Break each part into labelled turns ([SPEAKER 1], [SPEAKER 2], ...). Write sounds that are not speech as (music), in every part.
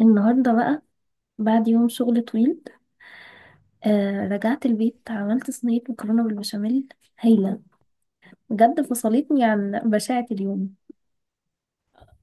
[SPEAKER 1] النهاردة بقى بعد يوم شغل طويل، رجعت البيت، عملت صينية مكرونة بالبشاميل هايلة. بجد فصلتني عن بشاعة اليوم.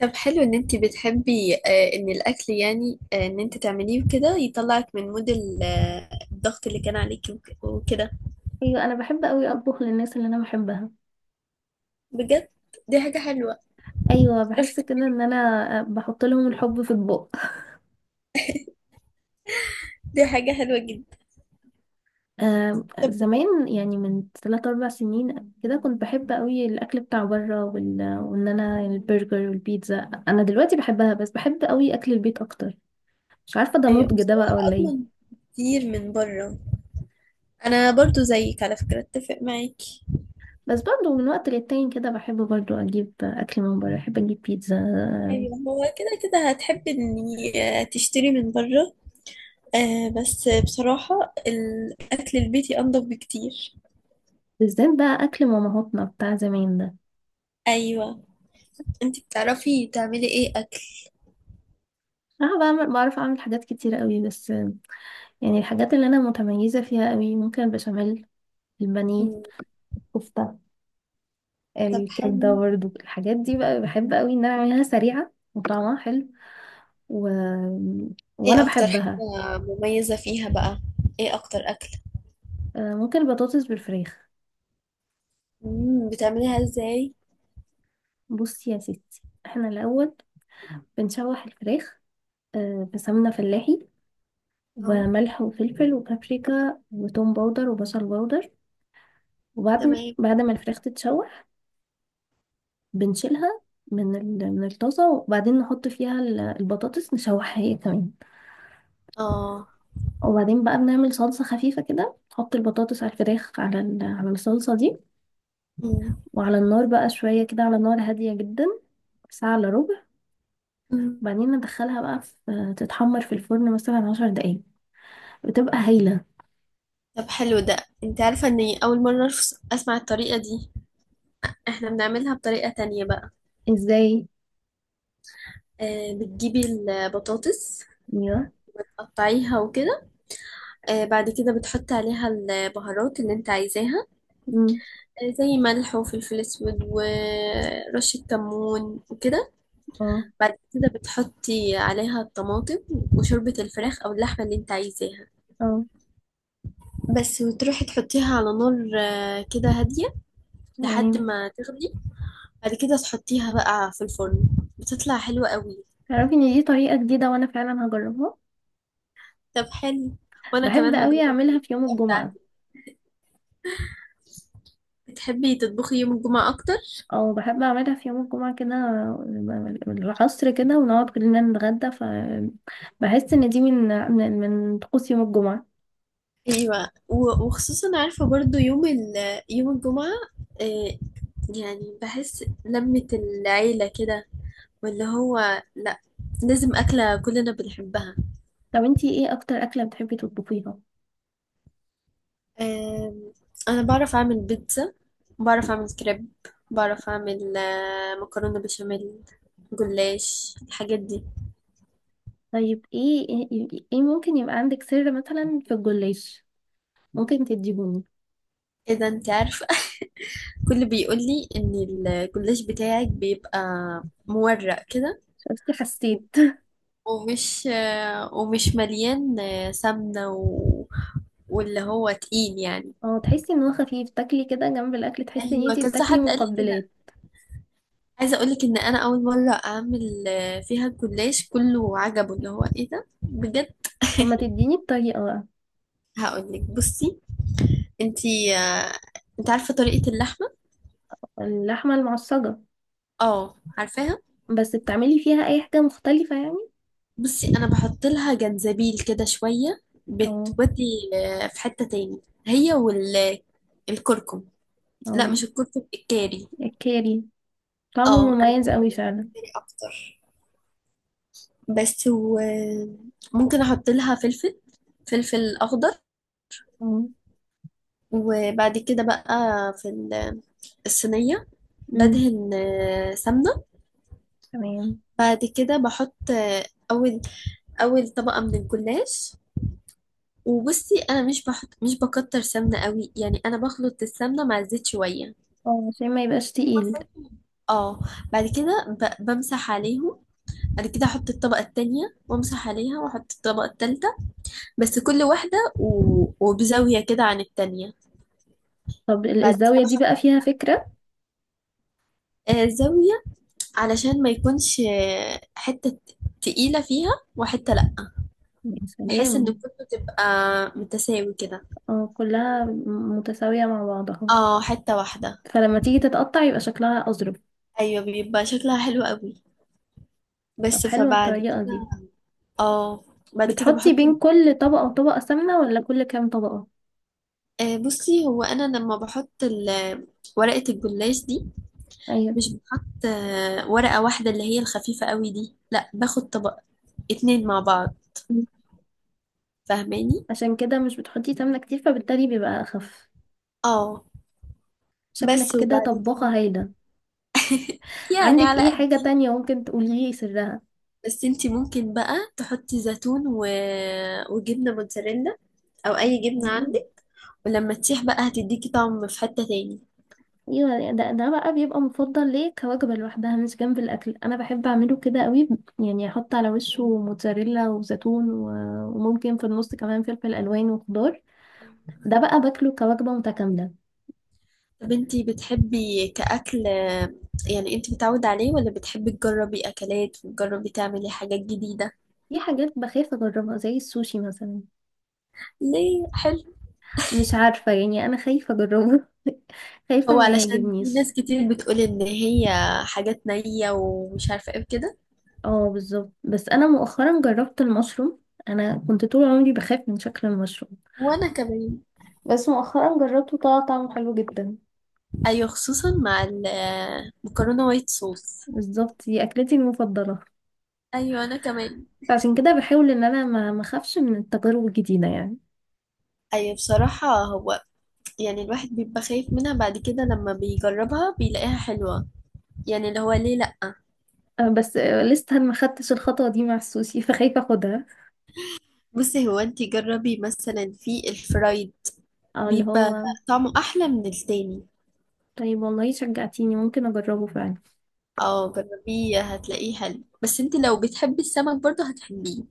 [SPEAKER 2] طب حلو ان انت بتحبي ان الاكل يعني ان انت تعمليه وكده يطلعك من مود الضغط اللي كان عليكي وكده.
[SPEAKER 1] أيوة، أنا بحب أوي أطبخ للناس اللي أنا بحبها.
[SPEAKER 2] بجد. دي حاجة حلوة.
[SPEAKER 1] أيوة، بحس
[SPEAKER 2] عرفت.
[SPEAKER 1] كده إن أنا، بحط لهم الحب في أطباق.
[SPEAKER 2] دي حاجة حلوة جدا. طب،
[SPEAKER 1] زمان يعني من تلات أربع سنين كده كنت بحب أوي الأكل بتاع بره وإن أنا البرجر والبيتزا. أنا دلوقتي بحبها، بس بحب أوي أكل البيت أكتر. مش عارفة ده
[SPEAKER 2] ايوه،
[SPEAKER 1] نضج ده بقى
[SPEAKER 2] بصراحة
[SPEAKER 1] ولا إيه.
[SPEAKER 2] اضمن كتير من بره. انا برضو زيك على فكرة، اتفق معاكي.
[SPEAKER 1] بس برضه من وقت للتاني كده بحب برضه أجيب أكل من بره، بحب أجيب بيتزا.
[SPEAKER 2] ايوه، هو كده كده هتحبي اني تشتري من بره. بس بصراحة الاكل البيتي انضف بكتير.
[SPEAKER 1] بالذات بقى أكل مامهاتنا بتاع زمان ده.
[SPEAKER 2] ايوه. انت بتعرفي تعملي ايه اكل؟
[SPEAKER 1] أنا بعمل، بعرف أعمل حاجات كتيرة قوي، بس يعني الحاجات اللي أنا متميزة فيها قوي، ممكن البشاميل، البانيه،
[SPEAKER 2] مم.
[SPEAKER 1] الكفتة،
[SPEAKER 2] طب
[SPEAKER 1] الكبدة.
[SPEAKER 2] حلو.
[SPEAKER 1] برضه الحاجات دي بقى بحب قوي إن أنا أعملها سريعة وطعمها حلو. و... وأنا
[SPEAKER 2] ايه اكتر حاجة
[SPEAKER 1] بحبها.
[SPEAKER 2] مميزة فيها بقى؟ ايه اكتر اكل؟
[SPEAKER 1] ممكن البطاطس بالفراخ.
[SPEAKER 2] مم. بتعمليها ازاي؟
[SPEAKER 1] بصي يا ستي، احنا الأول بنشوح الفراخ، في سمنة فلاحي،
[SPEAKER 2] اه.
[SPEAKER 1] وملح وفلفل وبابريكا وتوم باودر وبصل باودر. وبعدين
[SPEAKER 2] تمام.
[SPEAKER 1] بعد ما الفراخ تتشوح بنشيلها من الطاسة، وبعدين نحط فيها البطاطس، نشوحها هي كمان.
[SPEAKER 2] اه.
[SPEAKER 1] وبعدين بقى بنعمل صلصة خفيفة كده، نحط البطاطس على الفراخ، على الصلصة دي.
[SPEAKER 2] مم.
[SPEAKER 1] وعلى النار بقى شوية كده على نار هادية جدا، ساعة إلا ربع.
[SPEAKER 2] مم.
[SPEAKER 1] وبعدين ندخلها بقى في تتحمر في الفرن مثلا 10 دقايق. بتبقى هايلة.
[SPEAKER 2] طب حلو ده. انت عارفة اني اول مرة اسمع الطريقة دي. احنا بنعملها بطريقة تانية بقى.
[SPEAKER 1] ازاي؟
[SPEAKER 2] بتجيبي البطاطس،
[SPEAKER 1] ايوه.
[SPEAKER 2] قطعيها وكده. بعد كده بتحطي عليها البهارات اللي انت عايزاها.
[SPEAKER 1] مم.
[SPEAKER 2] زي ملح وفلفل اسود ورشة كمون وكده.
[SPEAKER 1] اه.
[SPEAKER 2] بعد كده بتحطي عليها الطماطم وشوربة الفراخ أو اللحمة اللي انت عايزاها.
[SPEAKER 1] اه.
[SPEAKER 2] بس، وتروحي تحطيها على نار كده هادية لحد
[SPEAKER 1] تمام.
[SPEAKER 2] ما تغلي. بعد كده تحطيها بقى في الفرن. بتطلع حلوة قوي.
[SPEAKER 1] تعرفي ان دي طريقة جديدة وانا فعلا هجربها.
[SPEAKER 2] طب حلو. وأنا
[SPEAKER 1] بحب
[SPEAKER 2] كمان
[SPEAKER 1] قوي
[SPEAKER 2] هجرب
[SPEAKER 1] اعملها في يوم
[SPEAKER 2] الطريقة
[SPEAKER 1] الجمعة.
[SPEAKER 2] بتاعتك. بتحبي تطبخي يوم الجمعة أكتر؟
[SPEAKER 1] او بحب اعملها في يوم الجمعة كده العصر كده، ونقعد كلنا نتغدى، فبحس ان دي من طقوس يوم الجمعة.
[SPEAKER 2] أيوة، وخصوصا عارفة برضو يوم الجمعة. آه، يعني بحس لمة العيلة كده، واللي هو، لأ، لازم أكلة كلنا بنحبها.
[SPEAKER 1] طب انتي ايه اكتر اكلة بتحبي تطبخيها؟
[SPEAKER 2] آم، انا بعرف اعمل بيتزا، بعرف اعمل كريب، بعرف اعمل مكرونه بشاميل، جلاش، الحاجات دي.
[SPEAKER 1] طيب إيه ممكن يبقى عندك سر مثلا في الجلاش؟ ممكن تديهوني؟
[SPEAKER 2] ايه ده! انت عارفه؟ (laughs) كل بيقول لي ان الجلاش بتاعك بيبقى مورق كده،
[SPEAKER 1] شفتي، حسيت.
[SPEAKER 2] ومش مليان سمنه واللي هو تقيل يعني.
[SPEAKER 1] اه، تحسي ان هو خفيف، تاكلي كده جنب الاكل تحسي ان
[SPEAKER 2] ايوه،
[SPEAKER 1] انتي
[SPEAKER 2] كذا
[SPEAKER 1] بتاكلي
[SPEAKER 2] حد قال لي كده.
[SPEAKER 1] مقبلات.
[SPEAKER 2] عايزه اقول لك ان انا اول مره اعمل فيها الجلاش، كله عجبه اللي هو ايه ده بجد.
[SPEAKER 1] طب ما تديني الطريقة بقى.
[SPEAKER 2] (laughs) هقول لك، بصي. انتي آه، انت عارفة طريقة اللحمة؟
[SPEAKER 1] اللحمة المعصجة؟
[SPEAKER 2] اه، عارفاها.
[SPEAKER 1] بس بتعملي فيها اي حاجة مختلفة يعني؟
[SPEAKER 2] بصي، انا بحط لها جنزبيل كده شوية،
[SPEAKER 1] اه.
[SPEAKER 2] بتودي في حتة تاني، هي، والكركم. لا،
[SPEAKER 1] اه.
[SPEAKER 2] مش الكركم، الكاري.
[SPEAKER 1] الكاري. طعمه
[SPEAKER 2] اه، انا
[SPEAKER 1] مميز قوي فعلا.
[SPEAKER 2] بحتاج اكتر. بس، وممكن احط لها فلفل، فلفل اخضر.
[SPEAKER 1] اه.
[SPEAKER 2] وبعد كده بقى في الصينية،
[SPEAKER 1] أمم،
[SPEAKER 2] بدهن سمنة.
[SPEAKER 1] تمام.
[SPEAKER 2] بعد كده بحط اول اول طبقة من الجلاش. وبصي، انا مش بكتر سمنه قوي، يعني انا بخلط السمنه مع الزيت شويه.
[SPEAKER 1] اه، عشان ما يبقاش تقيل.
[SPEAKER 2] اه، بعد كده بمسح عليهم. بعد كده احط الطبقه التانية وامسح عليها، واحط الطبقه التالتة. بس كل واحده وبزاويه كده عن التانية.
[SPEAKER 1] طب
[SPEAKER 2] بعد
[SPEAKER 1] الزاوية
[SPEAKER 2] كده
[SPEAKER 1] دي
[SPEAKER 2] بحط
[SPEAKER 1] بقى فيها فكرة.
[SPEAKER 2] زاويه، علشان ما يكونش حته تقيله فيها وحته لا.
[SPEAKER 1] يا
[SPEAKER 2] بحيث ان
[SPEAKER 1] سلام.
[SPEAKER 2] كله تبقى متساوي كده.
[SPEAKER 1] اه، كلها متساوية مع بعضها.
[SPEAKER 2] اه، حته واحده.
[SPEAKER 1] فلما تيجي تتقطع يبقى شكلها أظرف.
[SPEAKER 2] ايوه، بيبقى شكلها حلو قوي.
[SPEAKER 1] طب
[SPEAKER 2] بس.
[SPEAKER 1] حلوة
[SPEAKER 2] فبعد
[SPEAKER 1] الطريقة دي.
[SPEAKER 2] كده، اه، بعد كده
[SPEAKER 1] بتحطي
[SPEAKER 2] بحط.
[SPEAKER 1] بين كل طبقة وطبقة سمنة ولا كل كام طبقة؟
[SPEAKER 2] بصي، هو انا لما بحط ورقة الجلاش دي،
[SPEAKER 1] ايوه.
[SPEAKER 2] مش بحط ورقة واحدة اللي هي الخفيفة قوي دي، لا، باخد طبق اتنين مع بعض.
[SPEAKER 1] أمم،
[SPEAKER 2] فاهماني؟
[SPEAKER 1] عشان كده مش بتحطي سمنة كتير، فبالتالي بيبقى أخف.
[SPEAKER 2] اه. بس.
[SPEAKER 1] شكلك كده
[SPEAKER 2] وبعد
[SPEAKER 1] طباخة
[SPEAKER 2] كده
[SPEAKER 1] هايلة.
[SPEAKER 2] يعني
[SPEAKER 1] عندك
[SPEAKER 2] على
[SPEAKER 1] ايه حاجة
[SPEAKER 2] قدي.
[SPEAKER 1] تانية ممكن تقولي لي سرها؟
[SPEAKER 2] بس انتي ممكن بقى تحطي زيتون وجبنة موتزاريلا، او اي جبنة
[SPEAKER 1] مم.
[SPEAKER 2] عندك. ولما تسيح بقى هتديكي طعم في حتة تاني.
[SPEAKER 1] (laughs) ايوه، ده بقى بيبقى مفضل ليه كوجبة لوحدها مش جنب الاكل، انا بحب اعمله كده قوي. يعني احط على وشه موتزاريلا وزيتون وممكن في النص كمان فلفل الوان وخضار. ده بقى باكله كوجبة متكاملة.
[SPEAKER 2] طب انتي بتحبي كأكل، يعني انتي متعودة عليه ولا بتحبي تجربي أكلات وتجربي تعملي حاجات جديدة؟
[SPEAKER 1] في حاجات بخاف اجربها زي السوشي مثلا.
[SPEAKER 2] ليه؟ حلو.
[SPEAKER 1] مش عارفة يعني، انا خايفة اجربه. (laughs) خايفة
[SPEAKER 2] هو
[SPEAKER 1] ما
[SPEAKER 2] علشان في
[SPEAKER 1] يعجبنيش.
[SPEAKER 2] ناس كتير بتقول إن هي حاجات نية ومش عارفة ايه كده.
[SPEAKER 1] اه بالظبط. بس انا مؤخرا جربت المشروم. انا كنت طول عمري بخاف من شكل المشروم،
[SPEAKER 2] وأنا كمان.
[SPEAKER 1] بس مؤخرا جربته طلع طعمه حلو جدا.
[SPEAKER 2] أيوة، خصوصا مع المكرونة وايت صوص.
[SPEAKER 1] بالظبط، دي أكلتي المفضلة.
[SPEAKER 2] أيوة، أنا كمان.
[SPEAKER 1] عشان كده بحاول إن أنا ما أخافش من التجارب الجديدة يعني.
[SPEAKER 2] أيوة، بصراحة هو، يعني الواحد بيبقى خايف منها، بعد كده لما بيجربها بيلاقيها حلوة. يعني اللي هو ليه لأ.
[SPEAKER 1] أه، بس لسه ما خدتش الخطوة دي مع السوشي. (laughs) فخايفة أخدها.
[SPEAKER 2] بصي، هو انتي جربي مثلا في الفرايد،
[SPEAKER 1] أه، اللي
[SPEAKER 2] بيبقى
[SPEAKER 1] هو.
[SPEAKER 2] طعمه احلى من التاني.
[SPEAKER 1] طيب والله شجعتيني، ممكن أجربه فعلا.
[SPEAKER 2] اه، جربيه هتلاقيه حلو. بس انت لو بتحبي السمك برضه هتحبيه.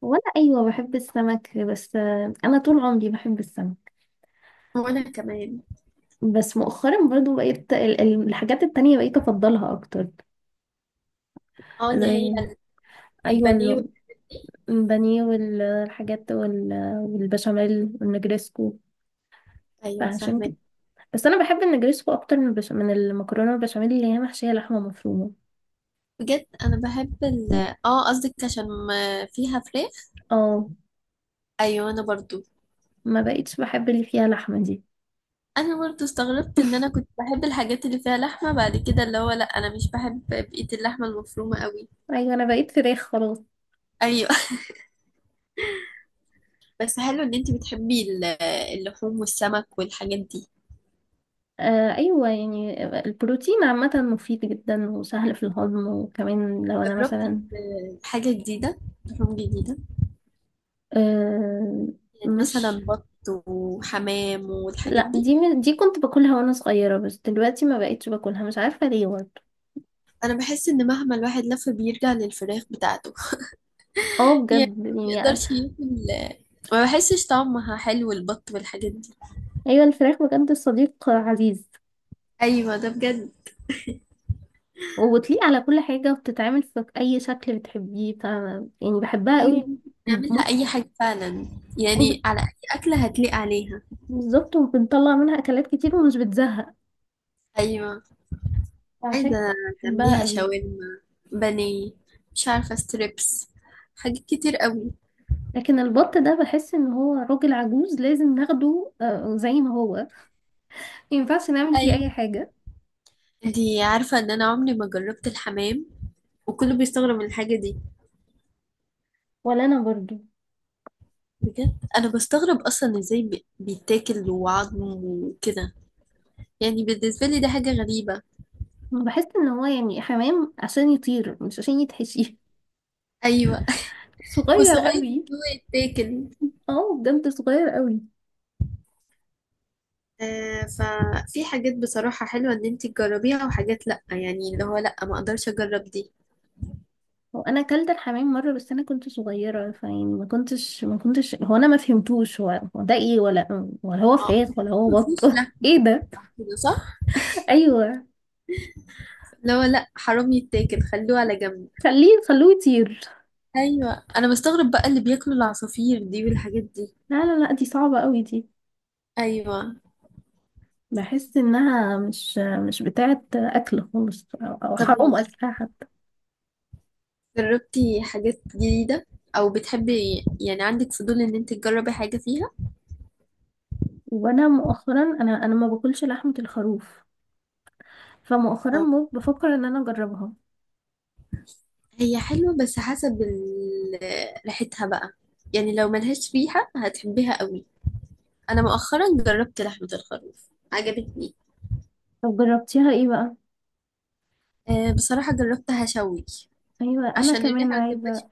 [SPEAKER 1] وأنا أيوة بحب السمك. بس أنا طول عمري بحب السمك.
[SPEAKER 2] وانا كمان.
[SPEAKER 1] بس مؤخرا برضو بقيت الحاجات التانية بقيت أفضلها أكتر.
[SPEAKER 2] اه، اللي هي
[SPEAKER 1] زي، أيوة
[SPEAKER 2] البانيه والحاجات دي.
[SPEAKER 1] البانيه والحاجات والبشاميل والنجريسكو.
[SPEAKER 2] ايوه،
[SPEAKER 1] فعشان
[SPEAKER 2] فاهمه.
[SPEAKER 1] كده. بس انا بحب النجريسكو اكتر من من المكرونه البشاميل اللي هي محشيه لحمه مفرومه.
[SPEAKER 2] بجد، انا بحب اه، قصدك عشان ما فيها فراخ.
[SPEAKER 1] اه،
[SPEAKER 2] ايوه، انا برضو.
[SPEAKER 1] ما بقيتش بحب اللي فيها لحمه دي.
[SPEAKER 2] انا برضو استغربت ان انا
[SPEAKER 1] (laughs)
[SPEAKER 2] كنت بحب الحاجات اللي فيها لحمه، بعد كده اللي هو لا، انا مش بحب بقيه اللحمه المفرومه قوي.
[SPEAKER 1] ايوه، انا بقيت فراخ خلاص.
[SPEAKER 2] ايوه. (laughs) بس حلو ان انت بتحبي اللحوم والسمك والحاجات دي.
[SPEAKER 1] ايوه، يعني البروتين عامه مفيد جدا وسهل في الهضم، وكمان لو انا
[SPEAKER 2] جربتي
[SPEAKER 1] مثلا.
[SPEAKER 2] حاجة جديدة، لحوم جديدة؟
[SPEAKER 1] آه
[SPEAKER 2] يعني
[SPEAKER 1] مش،
[SPEAKER 2] مثلا بط وحمام والحاجات
[SPEAKER 1] لا،
[SPEAKER 2] دي.
[SPEAKER 1] دي دي كنت باكلها وانا صغيره، بس دلوقتي ما بقيتش باكلها مش عارفه ليه برضه.
[SPEAKER 2] أنا بحس إن مهما الواحد لف بيرجع للفراخ بتاعته.
[SPEAKER 1] اه
[SPEAKER 2] يعني
[SPEAKER 1] بجد.
[SPEAKER 2] ما
[SPEAKER 1] يعني
[SPEAKER 2] يقدرش ياكل. ما بحسش طعمها حلو البط والحاجات دي.
[SPEAKER 1] ايوه، الفراخ بجد صديق عزيز.
[SPEAKER 2] أيوة، ده بجد.
[SPEAKER 1] وبتليق على كل حاجة وبتتعمل في أي شكل بتحبيه، ف يعني بحبها
[SPEAKER 2] أيوة،
[SPEAKER 1] قوي.
[SPEAKER 2] ممكن
[SPEAKER 1] ممكن-
[SPEAKER 2] نعملها أي حاجة فعلا. يعني
[SPEAKER 1] وب-
[SPEAKER 2] على أي أكلة هتليق عليها.
[SPEAKER 1] بالظبط، وبنطلع منها أكلات كتير ومش بتزهق.
[SPEAKER 2] أيوة،
[SPEAKER 1] فعشان
[SPEAKER 2] عايزة
[SPEAKER 1] كده بحبها
[SPEAKER 2] تعمليها
[SPEAKER 1] قوي.
[SPEAKER 2] شاورما، بانيه، مش عارفة، ستريبس، حاجات كتير قوي.
[SPEAKER 1] لكن البط ده بحس ان هو راجل عجوز لازم ناخده زي ما هو. مينفعش نعمل فيه
[SPEAKER 2] أيوة.
[SPEAKER 1] أي حاجة.
[SPEAKER 2] انتي عارفة ان انا عمري ما جربت الحمام؟ وكله بيستغرب من الحاجة دي.
[SPEAKER 1] ولا أنا برضو.
[SPEAKER 2] بجد، انا بستغرب اصلا ازاي بيتاكل وعظم وكده. يعني بالنسبة لي ده حاجة غريبة.
[SPEAKER 1] بحس ان هو يعني حمام عشان يطير مش عشان يتحشي.
[SPEAKER 2] ايوه.
[SPEAKER 1] (laughs)
[SPEAKER 2] (laughs)
[SPEAKER 1] صغير
[SPEAKER 2] وصغير إن
[SPEAKER 1] قوي.
[SPEAKER 2] هو يتاكل.
[SPEAKER 1] اه بجد، صغير قوي.
[SPEAKER 2] ففي حاجات بصراحة حلوة ان انتي تجربيها، وحاجات لأ، يعني اللي هو لأ، ما اقدرش اجرب دي.
[SPEAKER 1] هو انا اكلت الحمام مره بس انا كنت صغيره، فيعني ما كنتش هو انا ما فهمتوش، هو ده ايه، ولا هو
[SPEAKER 2] اه،
[SPEAKER 1] فراخ ولا
[SPEAKER 2] بحس
[SPEAKER 1] هو بط.
[SPEAKER 2] مفيش
[SPEAKER 1] (laughs)
[SPEAKER 2] لحم
[SPEAKER 1] ايه ده.
[SPEAKER 2] كده، صح؟
[SPEAKER 1] ايوه،
[SPEAKER 2] اللي هو لأ، حرام يتاكل، خلوه على جنب.
[SPEAKER 1] خليه، خلوه يطير.
[SPEAKER 2] ايوه، انا بستغرب بقى اللي بياكلوا العصافير دي والحاجات دي.
[SPEAKER 1] لا لا لا، دي صعبه قوي دي.
[SPEAKER 2] ايوه.
[SPEAKER 1] بحس انها مش، مش بتاعه اكل خالص، او أو
[SPEAKER 2] طب،
[SPEAKER 1] حرام اكلها حتى.
[SPEAKER 2] جربتي حاجات جديدة؟ أو بتحبي يعني عندك فضول إن أنت تجربي حاجة فيها؟
[SPEAKER 1] وانا مؤخرا، انا ما باكلش لحمه الخروف. فمؤخرا
[SPEAKER 2] اه،
[SPEAKER 1] بفكر ان انا اجربها.
[SPEAKER 2] هي حلوة بس حسب ريحتها بقى. يعني لو ملهاش ريحة هتحبيها قوي. أنا مؤخرا جربت لحمة الخروف عجبتني.
[SPEAKER 1] طب جربتيها ايه بقى؟
[SPEAKER 2] بصراحة جربتها شوي
[SPEAKER 1] ايوه، انا
[SPEAKER 2] عشان
[SPEAKER 1] كمان
[SPEAKER 2] الريحة ما تبقاش.
[SPEAKER 1] عايزه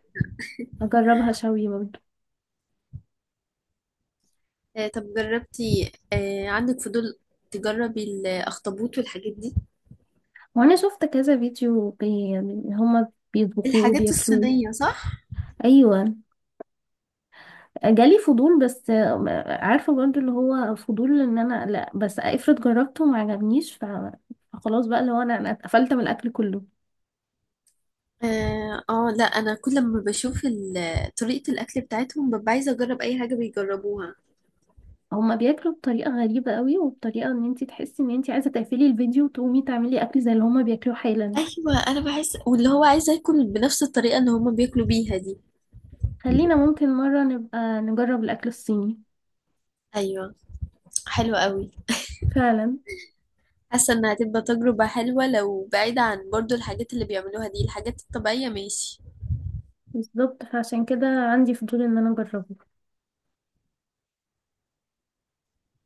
[SPEAKER 1] اجربها شوي.
[SPEAKER 2] طب، جربتي، عندك فضول تجربي الأخطبوط والحاجات دي؟
[SPEAKER 1] وانا شفت كذا فيديو يعني هما بيطبخوه
[SPEAKER 2] الحاجات
[SPEAKER 1] وبياكلوه.
[SPEAKER 2] الصينية صح؟
[SPEAKER 1] ايوه، جالي فضول. بس عارفه برضو اللي هو فضول ان انا لا، بس افرض جربته وما عجبنيش فخلاص بقى اللي هو، انا اتقفلت من الاكل كله.
[SPEAKER 2] اه. لا، انا كل ما بشوف طريقة الاكل بتاعتهم، ببقى عايزة اجرب اي حاجة بيجربوها.
[SPEAKER 1] هما بياكلوا بطريقه غريبه قوي، وبطريقه ان انتي تحسي ان انتي عايزه تقفلي الفيديو وتقومي تعملي اكل زي اللي هما بياكلوه حالا.
[SPEAKER 2] ايوه، انا بحس، واللي هو عايزة اكل بنفس الطريقة اللي هما بياكلوا بيها دي.
[SPEAKER 1] خلينا ممكن مره نبقى نجرب الاكل الصيني.
[SPEAKER 2] ايوه، حلوة قوي.
[SPEAKER 1] فعلا.
[SPEAKER 2] حاسة انها هتبقى تجربة حلوة، لو بعيدة عن برضو الحاجات اللي بيعملوها دي، الحاجات الطبيعية ماشي.
[SPEAKER 1] بالظبط فعشان كده عندي فضول ان انا اجربه.